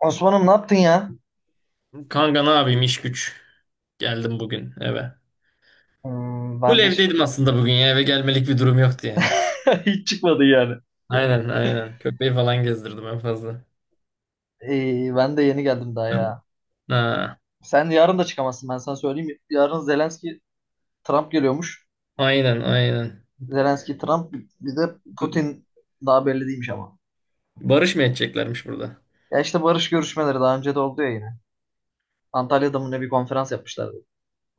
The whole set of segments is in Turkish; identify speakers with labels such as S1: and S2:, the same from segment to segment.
S1: Osman'ım ne yaptın ya?
S2: Kanka ne yapayım, iş güç. Geldim bugün eve.
S1: Hmm,
S2: Full
S1: ben de ş-
S2: evdeydim aslında bugün ya, eve gelmelik bir durum yoktu yani.
S1: Hiç çıkmadı yani.
S2: Aynen, aynen. Köpeği falan gezdirdim en fazla.
S1: Ben de yeni geldim daha ya.
S2: Ha,
S1: Sen yarın da çıkamazsın, ben sana söyleyeyim. Yarın Zelenski Trump geliyormuş.
S2: aynen aynen.
S1: Zelenski Trump, bir de Putin daha belli değilmiş ama.
S2: Barış mı edeceklermiş burada?
S1: Ya işte barış görüşmeleri daha önce de oldu ya yine. Antalya'da mı ne bir konferans yapmışlardı.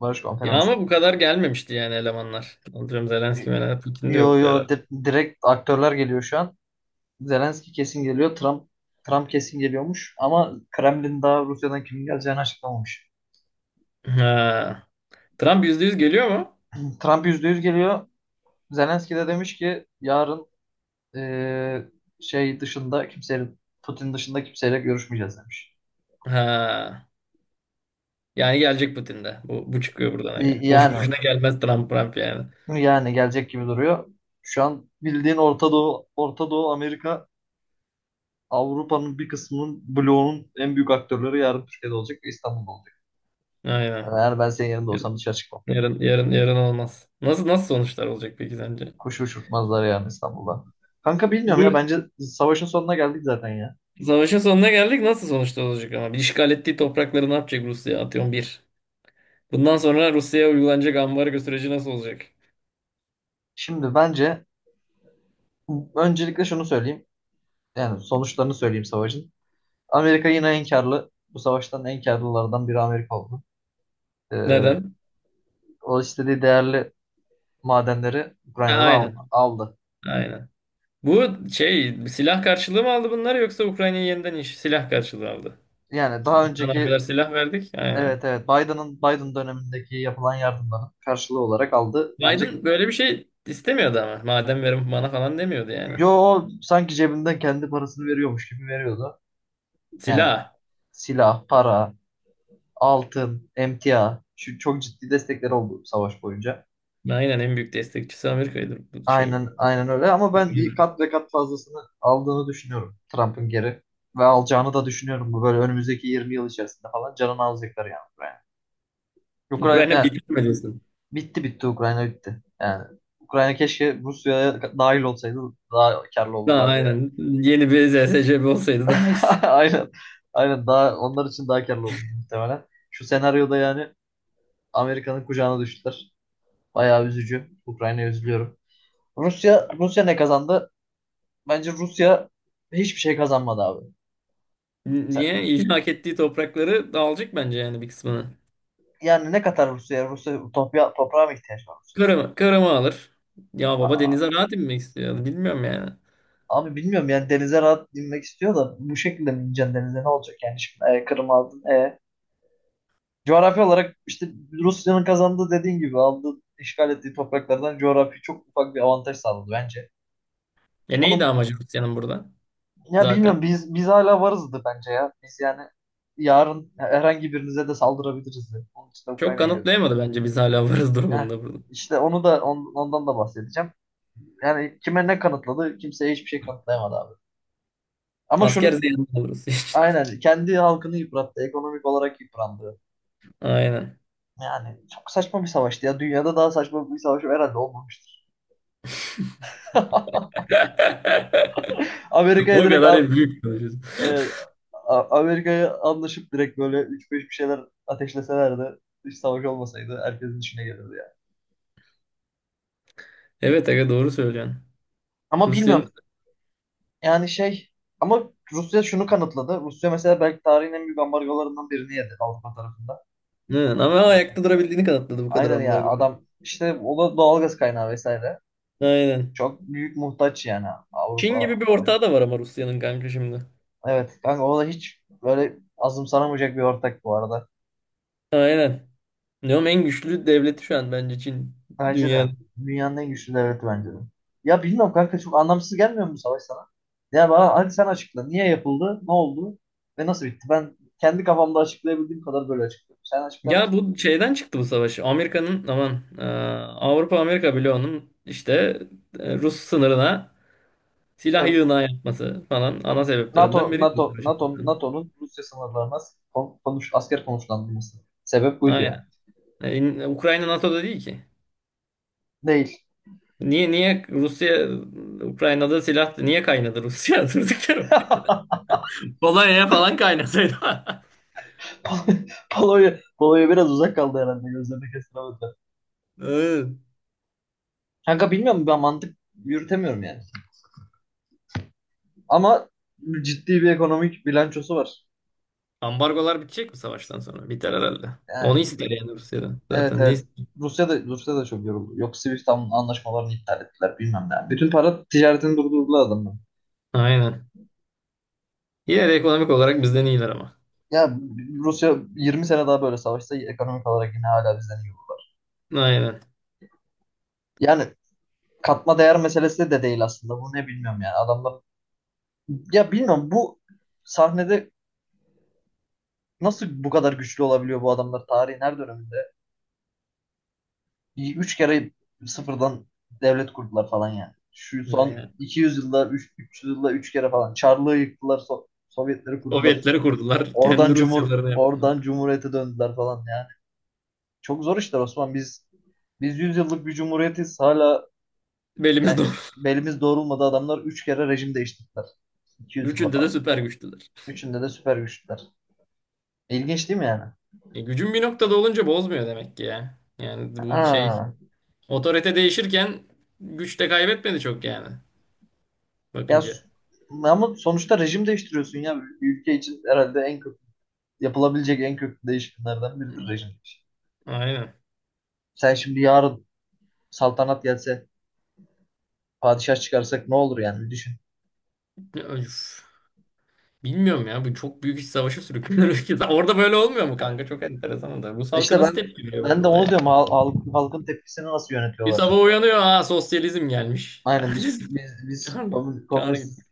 S1: Barış
S2: Ya
S1: konferansı.
S2: ama bu kadar gelmemişti yani elemanlar. Anlıyorum, Zelenski Melenski Putin de
S1: Yo
S2: yoktu
S1: yo,
S2: herhalde.
S1: direkt aktörler geliyor şu an. Zelenski kesin geliyor. Trump kesin geliyormuş ama Kremlin daha Rusya'dan kimin geleceğini açıklamamış.
S2: Ha. Trump yüzde yüz geliyor mu?
S1: Trump %100 geliyor. Zelenski de demiş ki yarın eee, şey dışında kimseyle Putin dışında kimseyle görüşmeyeceğiz demiş.
S2: Ha. Yani gelecek Putin de. Bu çıkıyor buradan. Aga.
S1: Y-
S2: Boşu
S1: Yani
S2: boşuna gelmez Trump. Yani.
S1: yani gelecek gibi duruyor. Şu an bildiğin Orta Doğu, Orta Doğu Amerika, Avrupa'nın bir kısmının bloğunun en büyük aktörleri yarın Türkiye'de olacak ve İstanbul'da olacak.
S2: Aynen.
S1: Yani ben senin yerinde olsam dışarı çıkmam.
S2: Yarın yarın olmaz. Nasıl sonuçlar olacak peki sence?
S1: Kuş uçurtmazlar yani İstanbul'da. Kanka bilmiyorum ya,
S2: Bu
S1: bence savaşın sonuna geldik zaten ya.
S2: savaşın sonuna geldik. Nasıl sonuçlar olacak ama? Bir, işgal ettiği toprakları ne yapacak Rusya? Atıyorum bir. Bundan sonra Rusya'ya uygulanacak ambargo süreci nasıl olacak?
S1: Şimdi bence öncelikle şunu söyleyeyim. Yani sonuçlarını söyleyeyim savaşın. Amerika yine en karlı. Bu savaştan en karlılardan biri Amerika oldu. Ee,
S2: Neden?
S1: O istediği değerli madenleri
S2: Ha,
S1: Ukrayna'dan
S2: aynen.
S1: aldı.
S2: Aynen. Bu şey, silah karşılığı mı aldı bunlar, yoksa Ukrayna'yı yeniden iş silah karşılığı aldı?
S1: Yani daha
S2: Biz sana o kadar
S1: önceki,
S2: silah verdik.
S1: evet
S2: Aynen.
S1: evet, Biden dönemindeki yapılan yardımların karşılığı olarak aldı. Bence
S2: Biden böyle bir şey istemiyordu ama. Madem, verin bana falan demiyordu yani.
S1: yo, o sanki cebinden kendi parasını veriyormuş gibi veriyordu. Yani
S2: Silah.
S1: silah, para, altın, emtia, şu çok ciddi destekler oldu savaş boyunca.
S2: Aynen, en büyük destekçisi Amerika'ydı bu şeyin.
S1: Aynen, aynen öyle ama ben kat ve kat fazlasını aldığını düşünüyorum Trump'ın geri, ve alacağını da düşünüyorum, bu böyle önümüzdeki 20 yıl içerisinde falan canını alacaklar yani Ukrayna. Ukrayna
S2: Ukrayna
S1: yani
S2: bitirmelisin.
S1: bitti, bitti Ukrayna, bitti. Yani Ukrayna keşke Rusya'ya dahil olsaydı daha karlı
S2: Daha
S1: olurlardı yani.
S2: aynen. Yeni bir ZSCB olsaydı daha iyi.
S1: Aynen. Aynen, daha onlar için daha karlı olur muhtemelen. Şu senaryoda yani Amerika'nın kucağına düştüler. Bayağı üzücü. Ukrayna'ya üzülüyorum. Rusya ne kazandı? Bence Rusya hiçbir şey kazanmadı abi.
S2: Niye?
S1: Sen-
S2: İlhak ettiği toprakları dağılacak bence yani, bir kısmını.
S1: Yani ne kadar Rusya toprağa mı ihtiyaç var Rusya?
S2: Kırım'ı alır. Ya baba,
S1: Aa,
S2: denize rahat inmek istiyor. Bilmiyorum yani.
S1: abi bilmiyorum yani, denize rahat inmek istiyor da bu şekilde mi ineceksin denize, ne olacak yani şimdi, Kırım aldın. Coğrafi olarak işte Rusya'nın kazandığı, dediğin gibi aldığı işgal ettiği topraklardan coğrafi çok ufak bir avantaj sağladı bence.
S2: Ya neydi
S1: Onun,
S2: amacı Rusya'nın burada
S1: ya
S2: zaten?
S1: bilmiyorum, biz hala varızdı bence ya. Biz yani yarın herhangi birinize de saldırabiliriz de. Onun için de
S2: Çok
S1: Ukrayna'yı.
S2: kanıtlayamadı bence, biz hala varız
S1: Heh,
S2: durumunda burada.
S1: işte onu da, ondan da bahsedeceğim. Yani kime ne kanıtladı? Kimseye hiçbir şey kanıtlayamadı abi. Ama şunu,
S2: Asker ziyanı alırız için.
S1: aynen, kendi halkını yıprattı. Ekonomik olarak yıprandı.
S2: Aynen.
S1: Yani çok saçma bir savaştı ya. Dünyada daha saçma bir savaş herhalde olmamıştır. Amerika'ya
S2: O
S1: direkt
S2: kadar
S1: a-
S2: hep büyük konuşuyorsun.
S1: e, Amerika'ya anlaşıp direkt böyle üç beş bir şeyler ateşleselerdi, hiç savaş olmasaydı, herkesin içine gelirdi yani.
S2: Evet aga, doğru söylüyorsun.
S1: Ama
S2: Rusya'nın.
S1: bilmiyorum. Yani şey, ama Rusya şunu kanıtladı. Rusya mesela belki tarihin en büyük ambargolarından birini yedi Avrupa tarafında.
S2: Hı,
S1: Amerika
S2: ama
S1: tarafında.
S2: ayakta durabildiğini kanıtladı bu kadar
S1: Aynen ya,
S2: ambargo.
S1: adam işte, o da doğalgaz kaynağı vesaire.
S2: Aynen.
S1: Çok büyük muhtaç yani
S2: Çin gibi
S1: Avrupa,
S2: bir
S1: Amerika.
S2: ortağı da var ama Rusya'nın, kanka, şimdi.
S1: Evet kanka, o da hiç böyle azımsanamayacak bir ortak bu arada.
S2: Aynen. Diyorum en güçlü devleti şu an bence Çin
S1: Bence de,
S2: dünyada.
S1: dünyanın en güçlü devleti bence de. Ya bilmiyorum kanka, çok anlamsız gelmiyor mu bu savaş sana? Ya bana hadi sen açıkla. Niye yapıldı? Ne oldu? Ve nasıl bitti? Ben kendi kafamda açıklayabildiğim kadar böyle açıklıyorum. Sen açıklar
S2: Ya
S1: mısın?
S2: bu şeyden çıktı bu savaş. Amerika'nın, aman, Avrupa Amerika bloğunun işte, Rus sınırına silah yığınağı yapması falan ana sebeplerinden biri bu savaşın.
S1: NATO'nun Rusya sınırlarına asker konuşlandırması. Sebep buydu
S2: Aynen.
S1: ya.
S2: İn- Ukrayna NATO'da değil ki.
S1: Değil.
S2: Niye Rusya, Ukrayna'da silah niye kaynadı Rusya durduk yere? Polonya'ya falan kaynasaydı.
S1: Pol- Polonya biraz uzak kaldı herhalde, gözlerini kestiremediler.
S2: Evet.
S1: Kanka bilmiyorum, ben mantık yürütemiyorum yani. Ama ciddi bir ekonomik bilançosu var.
S2: Ambargolar bitecek mi savaştan sonra? Biter herhalde. Onu
S1: Yani
S2: ister yani Rusya'dan.
S1: evet
S2: Zaten ne
S1: evet.
S2: ister?
S1: Rusya da çok yoruldu. Yok Swift anlaşmalarını iptal ettiler, bilmem ne. Bütün para ticaretini durdurdular adamlar.
S2: Aynen. Yine de ekonomik olarak bizden iyiler ama.
S1: Ya Rusya 20 sene daha böyle savaşsa ekonomik olarak yine hala bizden iyi olur.
S2: Aynen.
S1: Yani katma değer meselesi de değil aslında. Bu ne bilmiyorum yani. Adamlar, ya bilmiyorum, bu sahnede nasıl bu kadar güçlü olabiliyor bu adamlar tarihin her döneminde? Üç kere sıfırdan devlet kurdular falan yani. Şu son
S2: Aynen.
S1: 200 yılda, 300 yılda üç kere falan. Çarlığı yıktılar, Sovyetleri kurdular.
S2: Sovyetleri kurdular.
S1: Oradan
S2: Kendi Rusyalarını yaptılar.
S1: cumhuriyete döndüler falan yani. Çok zor işler Osman. Biz 100 yıllık bir cumhuriyetiz. Hala yani
S2: Belimiz doğru.
S1: belimiz doğrulmadı, adamlar üç kere rejim değiştirdiler. 200 yılda
S2: Üçünde de
S1: falan.
S2: süper güçlüler.
S1: Üçünde de süper güçler. İlginç değil mi yani?
S2: E, gücün bir noktada olunca bozmuyor demek ki ya. Yani bu şey,
S1: Aa.
S2: otorite değişirken güç de kaybetmedi çok yani.
S1: Ya s-
S2: Bakınca.
S1: Ama sonuçta rejim değiştiriyorsun ya. Bir ülke için herhalde en kötü yapılabilecek en köklü değişikliklerden biridir rejim değişikliği.
S2: Aynen.
S1: Sen şimdi yarın saltanat gelse, padişah çıkarsak ne olur yani, bir düşün.
S2: Öf. Bilmiyorum ya, bu çok büyük iç savaşa sürüklüyor ülke. Orada böyle olmuyor mu kanka? Çok enteresan da. Rus halkı
S1: İşte
S2: nasıl
S1: ben,
S2: tepki veriyor böyle
S1: de onu
S2: olaya?
S1: diyorum. Halkın tepkisini nasıl
S2: Bir sabah
S1: yönetiyorlar?
S2: uyanıyor, ha, sosyalizm gelmiş.
S1: Aynen biz
S2: Ertesi
S1: biz biz
S2: çağır, çağır
S1: komünistiz
S2: gitmiş.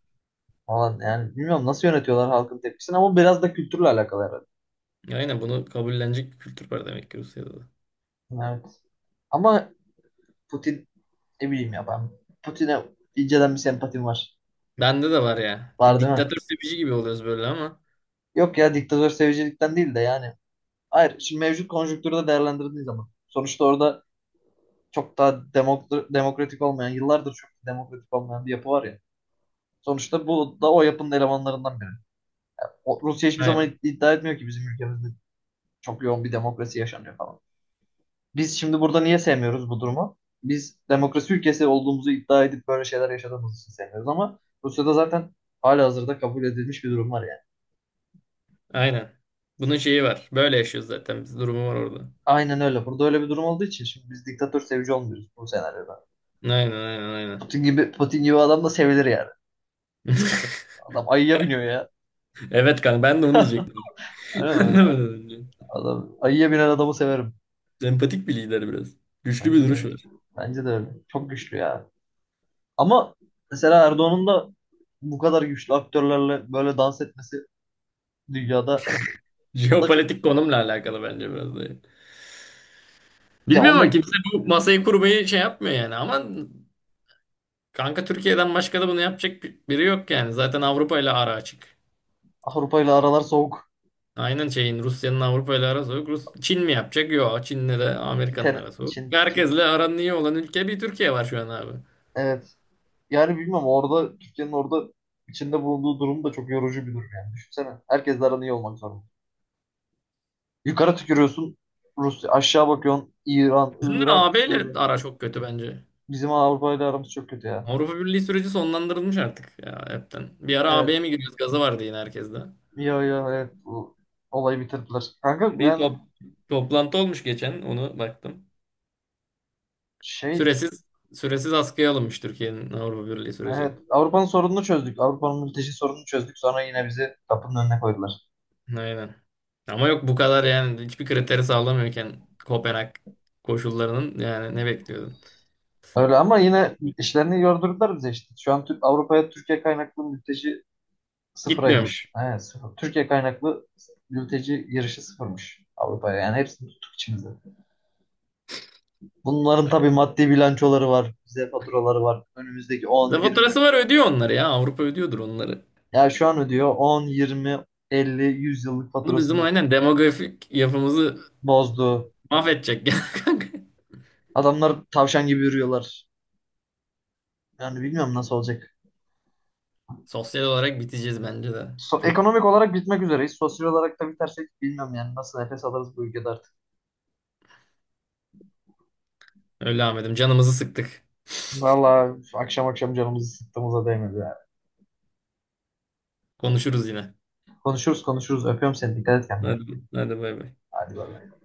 S1: falan yani, bilmiyorum nasıl yönetiyorlar halkın tepkisini, ama biraz da kültürle alakalı herhalde.
S2: Aynen, bunu kabullenecek bir kültür var demek ki Rusya'da da.
S1: Evet. Ama Putin, ne bileyim ya, ben Putin'e inceden bir sempatim var.
S2: Bende de var ya. Di-
S1: Var değil mi?
S2: Diktatör sevici gibi oluyoruz böyle ama.
S1: Yok ya, diktatör sevicilikten değil de yani. Hayır şimdi mevcut konjüktürde değerlendirdiği zaman. Sonuçta orada çok daha demokratik olmayan, yıllardır çok demokratik olmayan bir yapı var ya. Sonuçta bu da o yapının elemanlarından biri. Rusya hiçbir zaman
S2: Aynen.
S1: iddia etmiyor ki bizim ülkemizde çok yoğun bir demokrasi yaşanıyor falan. Biz şimdi burada niye sevmiyoruz bu durumu? Biz demokrasi ülkesi olduğumuzu iddia edip böyle şeyler yaşadığımız için sevmiyoruz, ama Rusya'da zaten halihazırda kabul edilmiş bir durum var.
S2: Aynen. Bunun şeyi var. Böyle yaşıyoruz zaten. Biz durumu var orada.
S1: Aynen öyle. Burada öyle bir durum olduğu için şimdi biz diktatör sevici olmuyoruz bu senaryoda.
S2: Aynen, aynen, aynen.
S1: Putin gibi adam da sevilir yani. Adam ayıya biniyor ya.
S2: Evet kanka, ben de onu diyecektim.
S1: Aynen öyle.
S2: Anlamadım önce.
S1: Adam ayıya binen adamı severim.
S2: Sempatik bir lider biraz. Güçlü bir
S1: Bence
S2: duruş
S1: de.
S2: var.
S1: Bence de öyle. Çok güçlü ya. Ama mesela Erdoğan'ın da bu kadar güçlü aktörlerle böyle dans etmesi dünyada, o da, çok,
S2: Jeopolitik konumla alakalı bence biraz da.
S1: ya
S2: Bilmiyorum ama
S1: onda
S2: kimse bu masayı kurmayı şey yapmıyor yani. Ama kanka, Türkiye'den başka da bunu yapacak bir- biri yok yani. Zaten Avrupa ile ara açık.
S1: Avrupa ile aralar soğuk.
S2: Aynen, şeyin, Rusya'nın Avrupa ile arası yok. Rus, Çin mi yapacak? Yok. Çin'le de
S1: Çin,
S2: Amerika'nın
S1: ter-
S2: arası yok.
S1: Çin, Çin.
S2: Herkesle aranın iyi olan ülke bir Türkiye var şu an abi.
S1: Evet. Yani bilmem, orada Türkiye'nin orada içinde bulunduğu durum da çok yorucu bir durum yani. Düşünsene. Herkesle aran iyi olmak zorunda. Yukarı tükürüyorsun Rusya. Aşağı bakıyorsun İran,
S2: Bizim de
S1: Irak,
S2: AB ile
S1: Suriye.
S2: ara çok kötü bence.
S1: Bizim Avrupa ile aramız çok kötü ya.
S2: Avrupa Birliği süreci sonlandırılmış artık ya hepten. Bir ara
S1: Evet.
S2: AB'ye mi giriyoruz? Gazı vardı yine herkeste.
S1: Ya, evet. Bu olayı bitirdiler. Kanka
S2: Bir
S1: yani
S2: top- toplantı olmuş geçen, onu baktım.
S1: şey,
S2: Süresiz süresiz askıya alınmış Türkiye'nin Avrupa Birliği süreci.
S1: evet, Avrupa'nın sorununu çözdük. Avrupa'nın mülteci sorununu çözdük. Sonra yine bizi kapının önüne koydular.
S2: Aynen. Ama yok, bu kadar yani hiçbir kriteri sağlamıyorken Kopenhag koşullarının, yani ne bekliyordun?
S1: Öyle ama yine işlerini yordurdular bize işte. Şu an Avrupa'ya Türkiye kaynaklı mülteci
S2: Gitmiyormuş.
S1: sıfıraymış. Evet, sıfır. Türkiye kaynaklı mülteci girişi sıfırmış Avrupa'ya. Yani hepsini tuttuk içimize. Bunların tabii maddi bilançoları var. Bize faturaları var. Önümüzdeki 10,
S2: Zaten faturası
S1: 20.
S2: var, ödüyor onları ya. Avrupa ödüyordur onları.
S1: Ya şu an ödüyor 10, 20, 50, 100 yıllık
S2: Bunu bizim
S1: faturasını
S2: aynen demografik yapımızı
S1: bozdu.
S2: mahvedecek ya kanka.
S1: Adamlar tavşan gibi yürüyorlar. Yani bilmiyorum nasıl olacak.
S2: Sosyal olarak biteceğiz bence de. Çok
S1: Ekonomik olarak bitmek üzereyiz. Sosyal olarak da bitersek bilmiyorum yani nasıl nefes alırız bu ülkede artık.
S2: öyle Ahmet'im, canımızı sıktık.
S1: Vallahi akşam akşam canımızı sıktığımıza değmedi yani.
S2: Konuşuruz yine.
S1: Konuşuruz konuşuruz. Öpüyorum seni. Dikkat et kendine.
S2: Hadi, hadi, bay bay.
S1: Hadi bay bay.